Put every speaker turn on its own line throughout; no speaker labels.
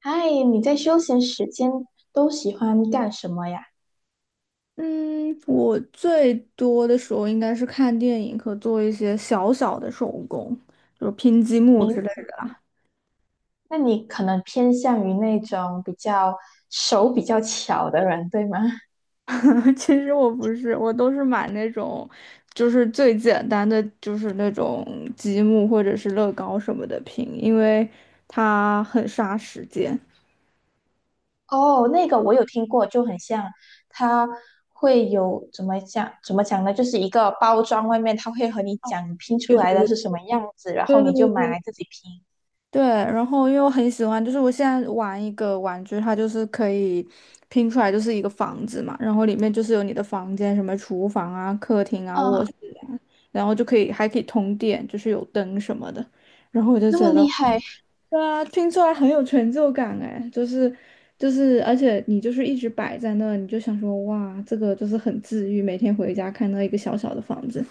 嗨，你在休闲时间都喜欢干什么呀？
嗯，我最多的时候应该是看电影和做一些小小的手工，就是拼积木之类
你，
的。
那你可能偏向于那种比较手比较巧的人，对吗？
其实我不是，我都是买那种，最简单的，就是那种积木或者是乐高什么的拼，因为它很杀时间。
哦，那个我有听过，就很像，他会有怎么讲呢？就是一个包装外面，他会和你讲你拼出来
对
的是什么样子，然后
对对
你就
对
买
对
来自己拼。
对，然后因为我很喜欢，就是我现在玩一个玩具，它就是可以拼出来就是一个房子嘛，然后里面就是有你的房间，什么厨房啊、客厅啊、卧
啊，
室啊，然后就可以还可以通电，就是有灯什么的，然后我就
那么
觉
厉
得，
害！
对啊，拼出来很有成就感哎，就是，而且你就是一直摆在那，你就想说哇，这个就是很治愈，每天回家看到一个小小的房子。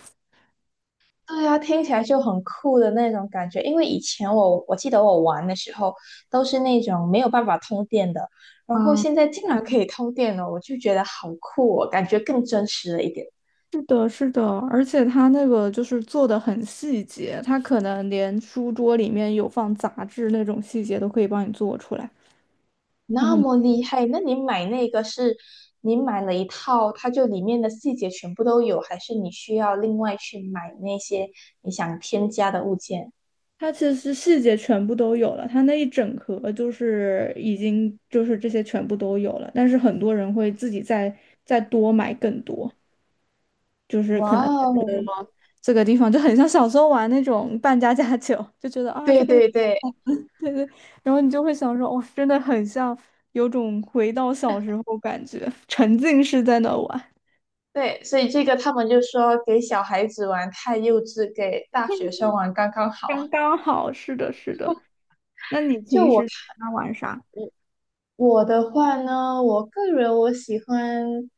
对呀，听起来就很酷的那种感觉。因为以前我记得我玩的时候都是那种没有办法通电的，然后现在竟然可以通电了，我就觉得好酷哦，感觉更真实了一点。
是的，是的，而且它那个就是做的很细节，它可能连书桌里面有放杂志那种细节都可以帮你做出来。然
那
后
么厉害，那你买那个是你买了一套，它就里面的细节全部都有，还是你需要另外去买那些你想添加的物件？
它其实细节全部都有了，它那一整盒就是已经就是这些全部都有了，但是很多人会自己再多买更多，就是可
哇
能
哦，
这个地方就很像小时候玩那种扮家家酒，就觉得啊这
对
个。
对对，
对对，然后你就会想说，哦，真的很像，有种回到小时候感觉，沉浸式在那玩，
对，所以这个他们就说给小孩子玩太幼稚，给大学生玩刚刚好。
刚刚好。是的，是的。那你
就
平
我
时在
看
家玩啥？
我的话呢，我个人我喜欢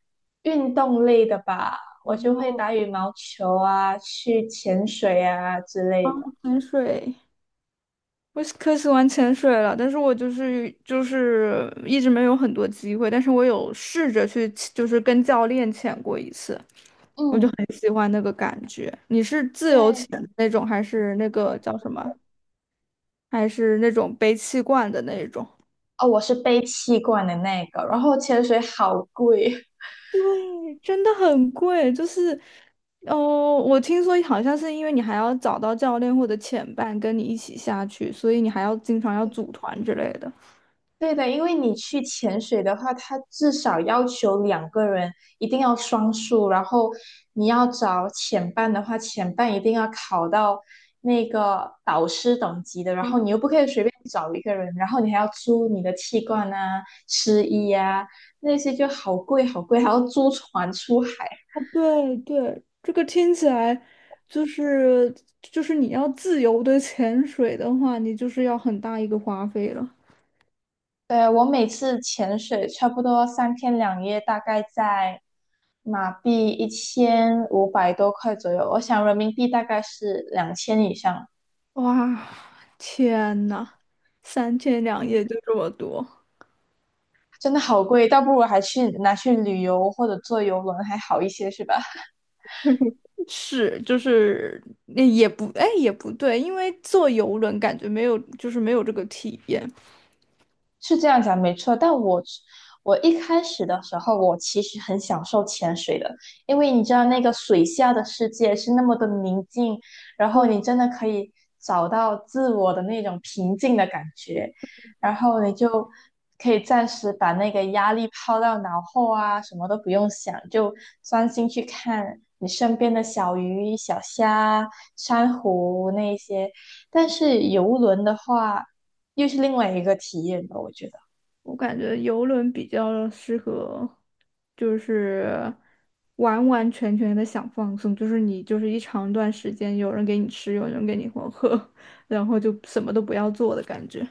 运动类的吧，我就会打羽毛球啊，去潜水啊之类
哦，
的。
潜水，我是可喜欢潜水了，但是我一直没有很多机会，但是我有试着去，就是跟教练潜过一次，我就
嗯，
很喜欢那个感觉。你是自由
对，
潜的那种，还是那个叫什么？还是那种背气罐的那种？
哦，我是背气罐的那个，然后潜水好贵，
对，真的很贵，就是，哦，我听说好像是因为你还要找到教练或者潜伴跟你一起下去，所以你还要经常要组团之类的。
对的，因为你去潜水的话，它至少要求两个人一定要双数，然后你要找潜伴的话，潜伴一定要考到那个导师等级的，然后你又不可以随便找一个人，然后你还要租你的气罐啊、湿衣啊，那些就好贵好贵，还要租船出海。
哦，对对，这个听起来就是就是你要自由的潜水的话，你就是要很大一个花费了。
对，我每次潜水差不多三天两夜，大概在马币1500多块左右，我想人民币大概是两千以上，
哇，天呐，三天两夜就这么多。
真的好贵，倒不如还去拿去旅游或者坐游轮还好一些，是吧？
是，就是那也不，哎，也不对，因为坐游轮感觉没有，就是没有这个体验。
是这样讲没错，但我一开始的时候，我其实很享受潜水的，因为你知道那个水下的世界是那么的宁静，然后
对，
你真的可以找到自我的那种平静的感觉，然后你就可以暂时把那个压力抛到脑后啊，什么都不用想，就专心去看你身边的小鱼、小虾、珊瑚那一些。但是游轮的话，又是另外一个体验吧，我觉得。
我感觉游轮比较适合，就是完完全全的想放松，就是你就是一长段时间有人给你吃，有人给你喝，然后就什么都不要做的感觉。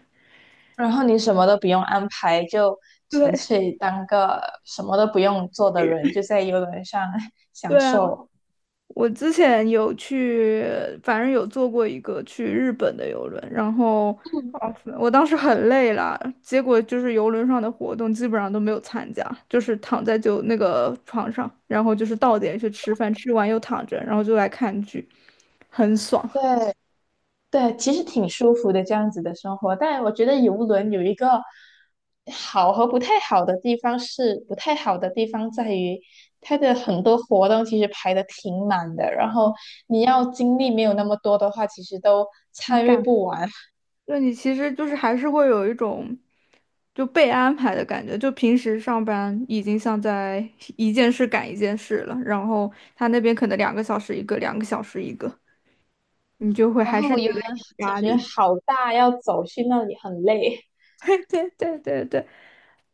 然后你什么都不用安排，就纯
对，
粹当个什么都不用做的人，就在游轮上 享
对啊。
受。
我之前有去，反正有坐过一个去日本的游轮，然后
嗯，
哦我当时很累了，结果就是游轮上的活动基本上都没有参加，就是躺在就那个床上，然后就是到点去吃饭，吃完又躺着，然后就来看剧，很爽。
对对，其实挺舒服的这样子的生活。但我觉得游轮有一个好和不太好的地方是，不太好的地方在于它的很多活动其实排的挺满的，然后你要精力没有那么多的话，其实都
你
参与
感
不完。
就你其实就是还是会有一种就被安排的感觉，就平时上班已经像在一件事赶一件事了，然后他那边可能两个小时一个，两个小时一个。你就会
然
还
后
是
我
觉
游泳
得有
其
压
实
力。
好大，要走去那里很累。
对对对对对，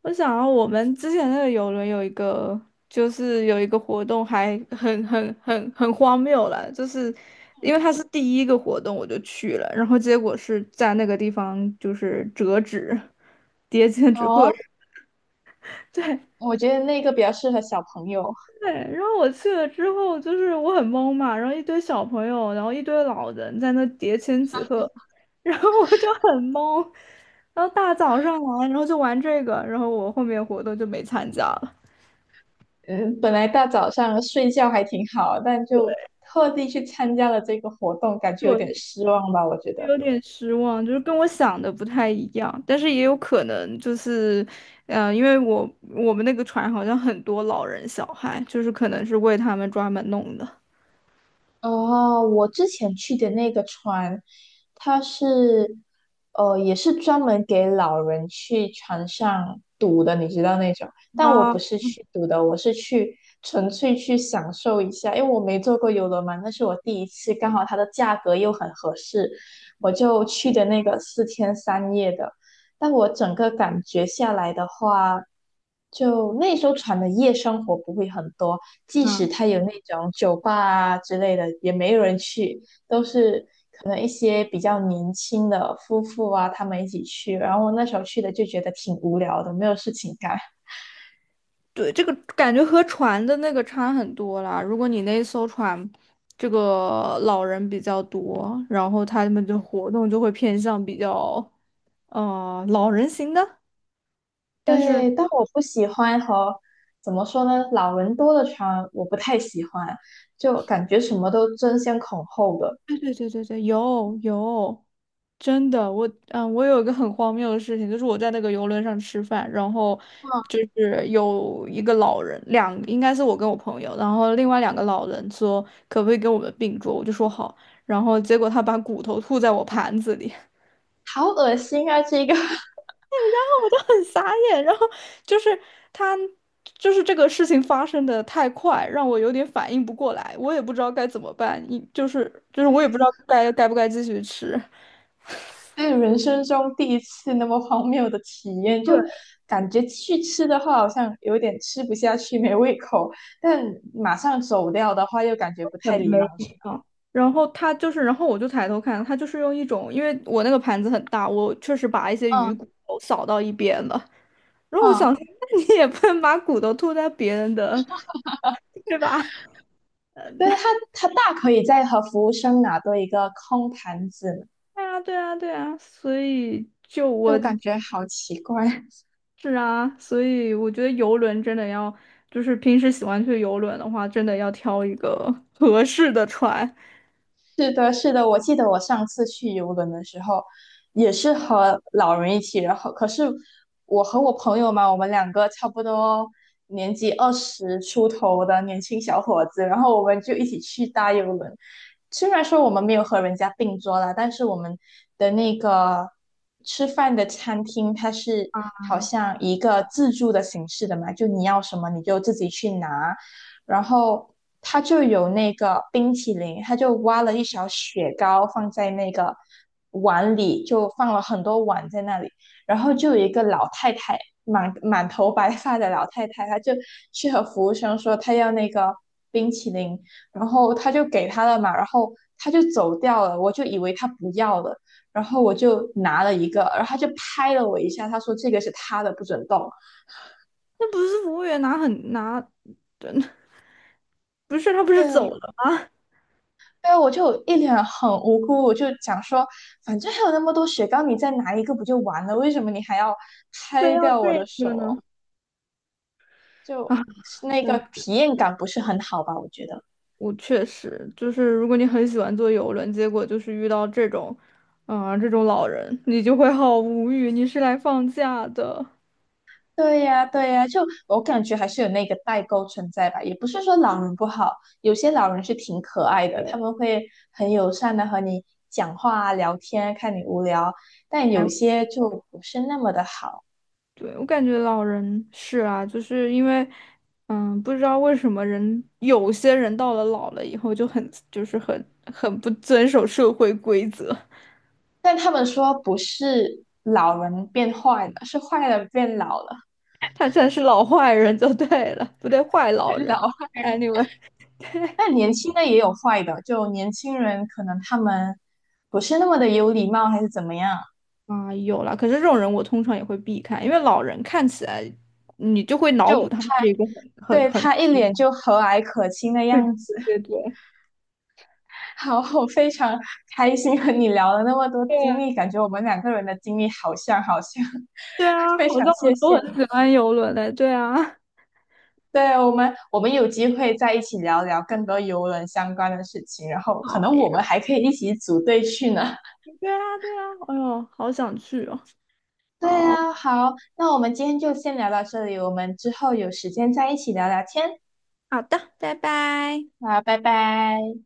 我想到我们之前那个游轮有一个，就是有一个活动还很荒谬了，就是因为它是第一个活动我就去了，然后结果是在那个地方就是折纸，叠千 纸鹤，
哦，
对。
我觉得那个比较适合小朋友。
对，然后我去了之后，就是我很懵嘛，然后一堆小朋友，然后一堆老人在那叠千纸鹤，然后我就很懵，然后大早上来，然后就玩这个，然后我后面活动就没参加了，
嗯，本来大早上睡觉还挺好，但就特地去参加了这个活动，感觉有点
就
失望吧，我觉得。
有点失望，就是跟我想的不太一样，但是也有可能就是，嗯，因为我们那个船好像很多老人小孩，就是可能是为他们专门弄的。
哦，我之前去的那个船，它是，也是专门给老人去船上赌的，你知道那种。但我不
啊。
是去赌的，我是去纯粹去享受一下，因为我没坐过游轮嘛，那是我第一次，刚好它的价格又很合适，我就去的那个四天三夜的。但我整个感觉下来的话，就那艘船的夜生活不会很多，即
啊
使它有那种酒吧啊之类的，也没有人去，都是可能一些比较年轻的夫妇啊，他们一起去。然后我那时候去的就觉得挺无聊的，没有事情干。
对，这个感觉和船的那个差很多啦。如果你那艘船，这个老人比较多，然后他们的活动就会偏向比较，老人型的。但是，
对，但我不喜欢和怎么说呢，老人多的船我不太喜欢，就感觉什么都争先恐后的，
对对对对对，有，真的，我有一个很荒谬的事情，就是我在那个游轮上吃饭，然后
嗯，
就是有一个老人，应该是我跟我朋友，然后另外两个老人说可不可以给我们并桌，我就说好，然后结果他把骨头吐在我盘子里。
好恶心啊，这个。
很傻眼，然后就是他，就是这个事情发生的太快，让我有点反应不过来，我也不知道该怎么办，一就是就是我也不知
对，
道该不该继续吃。
对人生中第一次那么荒谬的体验，就
对，
感觉去吃的话好像有点吃不下去，没胃口；但马上走掉的话又感觉不
很
太礼貌，
没
是
礼
吧？
貌。然后他就是，然后我就抬头看，他就是用一种，因为我那个盘子很大，我确实把一些鱼
嗯
骨头扫到一边了。然后我想说
嗯，
那你也不能把骨头吐在别人的，对吧？
对，他大可以再和服务生拿多一个空盘子呢
对啊,对啊,对啊,所以
就感觉好奇怪。
是啊，所以我觉得游轮真的要，就是平时喜欢去游轮的话，真的要挑一个 合适的船。
是的，是的，我记得我上次去游轮的时候，也是和老人一起，然后可是我和我朋友嘛，我们两个差不多年纪二十出头的年轻小伙子，然后我们就一起去搭游轮。虽然说我们没有和人家并桌啦，但是我们的那个吃饭的餐厅，它是好像一个自助的形式的嘛，就你要什么你就自己去拿，然后他就有那个冰淇淋，他就挖了一勺雪糕放在那个碗里，就放了很多碗在那里。然后就有一个老太太，满满头白发的老太太，她就去和服务生说她要那个冰淇淋，然后她就给她了嘛，然后她就走掉了，我就以为她不要了，然后我就拿了一个，然后她就拍了我一下，她说这个是她的，不准动。
那不是服务员拿，真的不是他不是走
对，
了，
对，我就一脸很无辜，我就讲说，反正还有那么多雪糕，你再拿一个不就完了？为什么你还要
非
拍
要
掉我的
这
手
个
哦
呢？啊，
就是那个
对，
体验感不是很好吧？我觉得。
我确实就是，如果你很喜欢坐游轮，结果就是遇到这种，啊、这种老人，你就会好无语。你是来放假的。
对呀，对呀，就我感觉还是有那个代沟存在吧。也不是说老人不好，有些老人是挺可爱的，他们会很友善的和你讲话啊、聊天，看你无聊，但有
来。
些就不是那么的好。
对，我感觉老人是啊，就是因为，嗯，不知道为什么有些人到了老了以后就很不遵守社会规则，
但他们说不是老人变坏了，是坏人变老了，
他才是老坏人就对了，不对，坏
太
老人。
老了。
Anyway,
但年轻的也有坏的，就年轻人可能他们不是那么的有礼貌，还是怎么样，
啊，有啦，可是这种人我通常也会避开，因为老人看起来你就会脑补
就
他是
他
一个很
对
很
他一脸
很
就和蔼可亲的样子。
对对
好，我非常开心和你聊了那么多
对
经
啊
历，感觉我们两个人的经历好像好像，
对 啊，
非
好
常
像我
谢
们
谢
都很
你。
喜欢游轮的，对啊，
对，我们有机会再一起聊聊更多邮轮相关的事情，然后可
好
能我
呀，
们还可以一起组队去呢。
对啊,对啊，哎呦，好想去哦，
对
好。
啊，好，那我们今天就先聊到这里，我们之后有时间再一起聊聊天。
好的，拜拜。
啊，拜拜。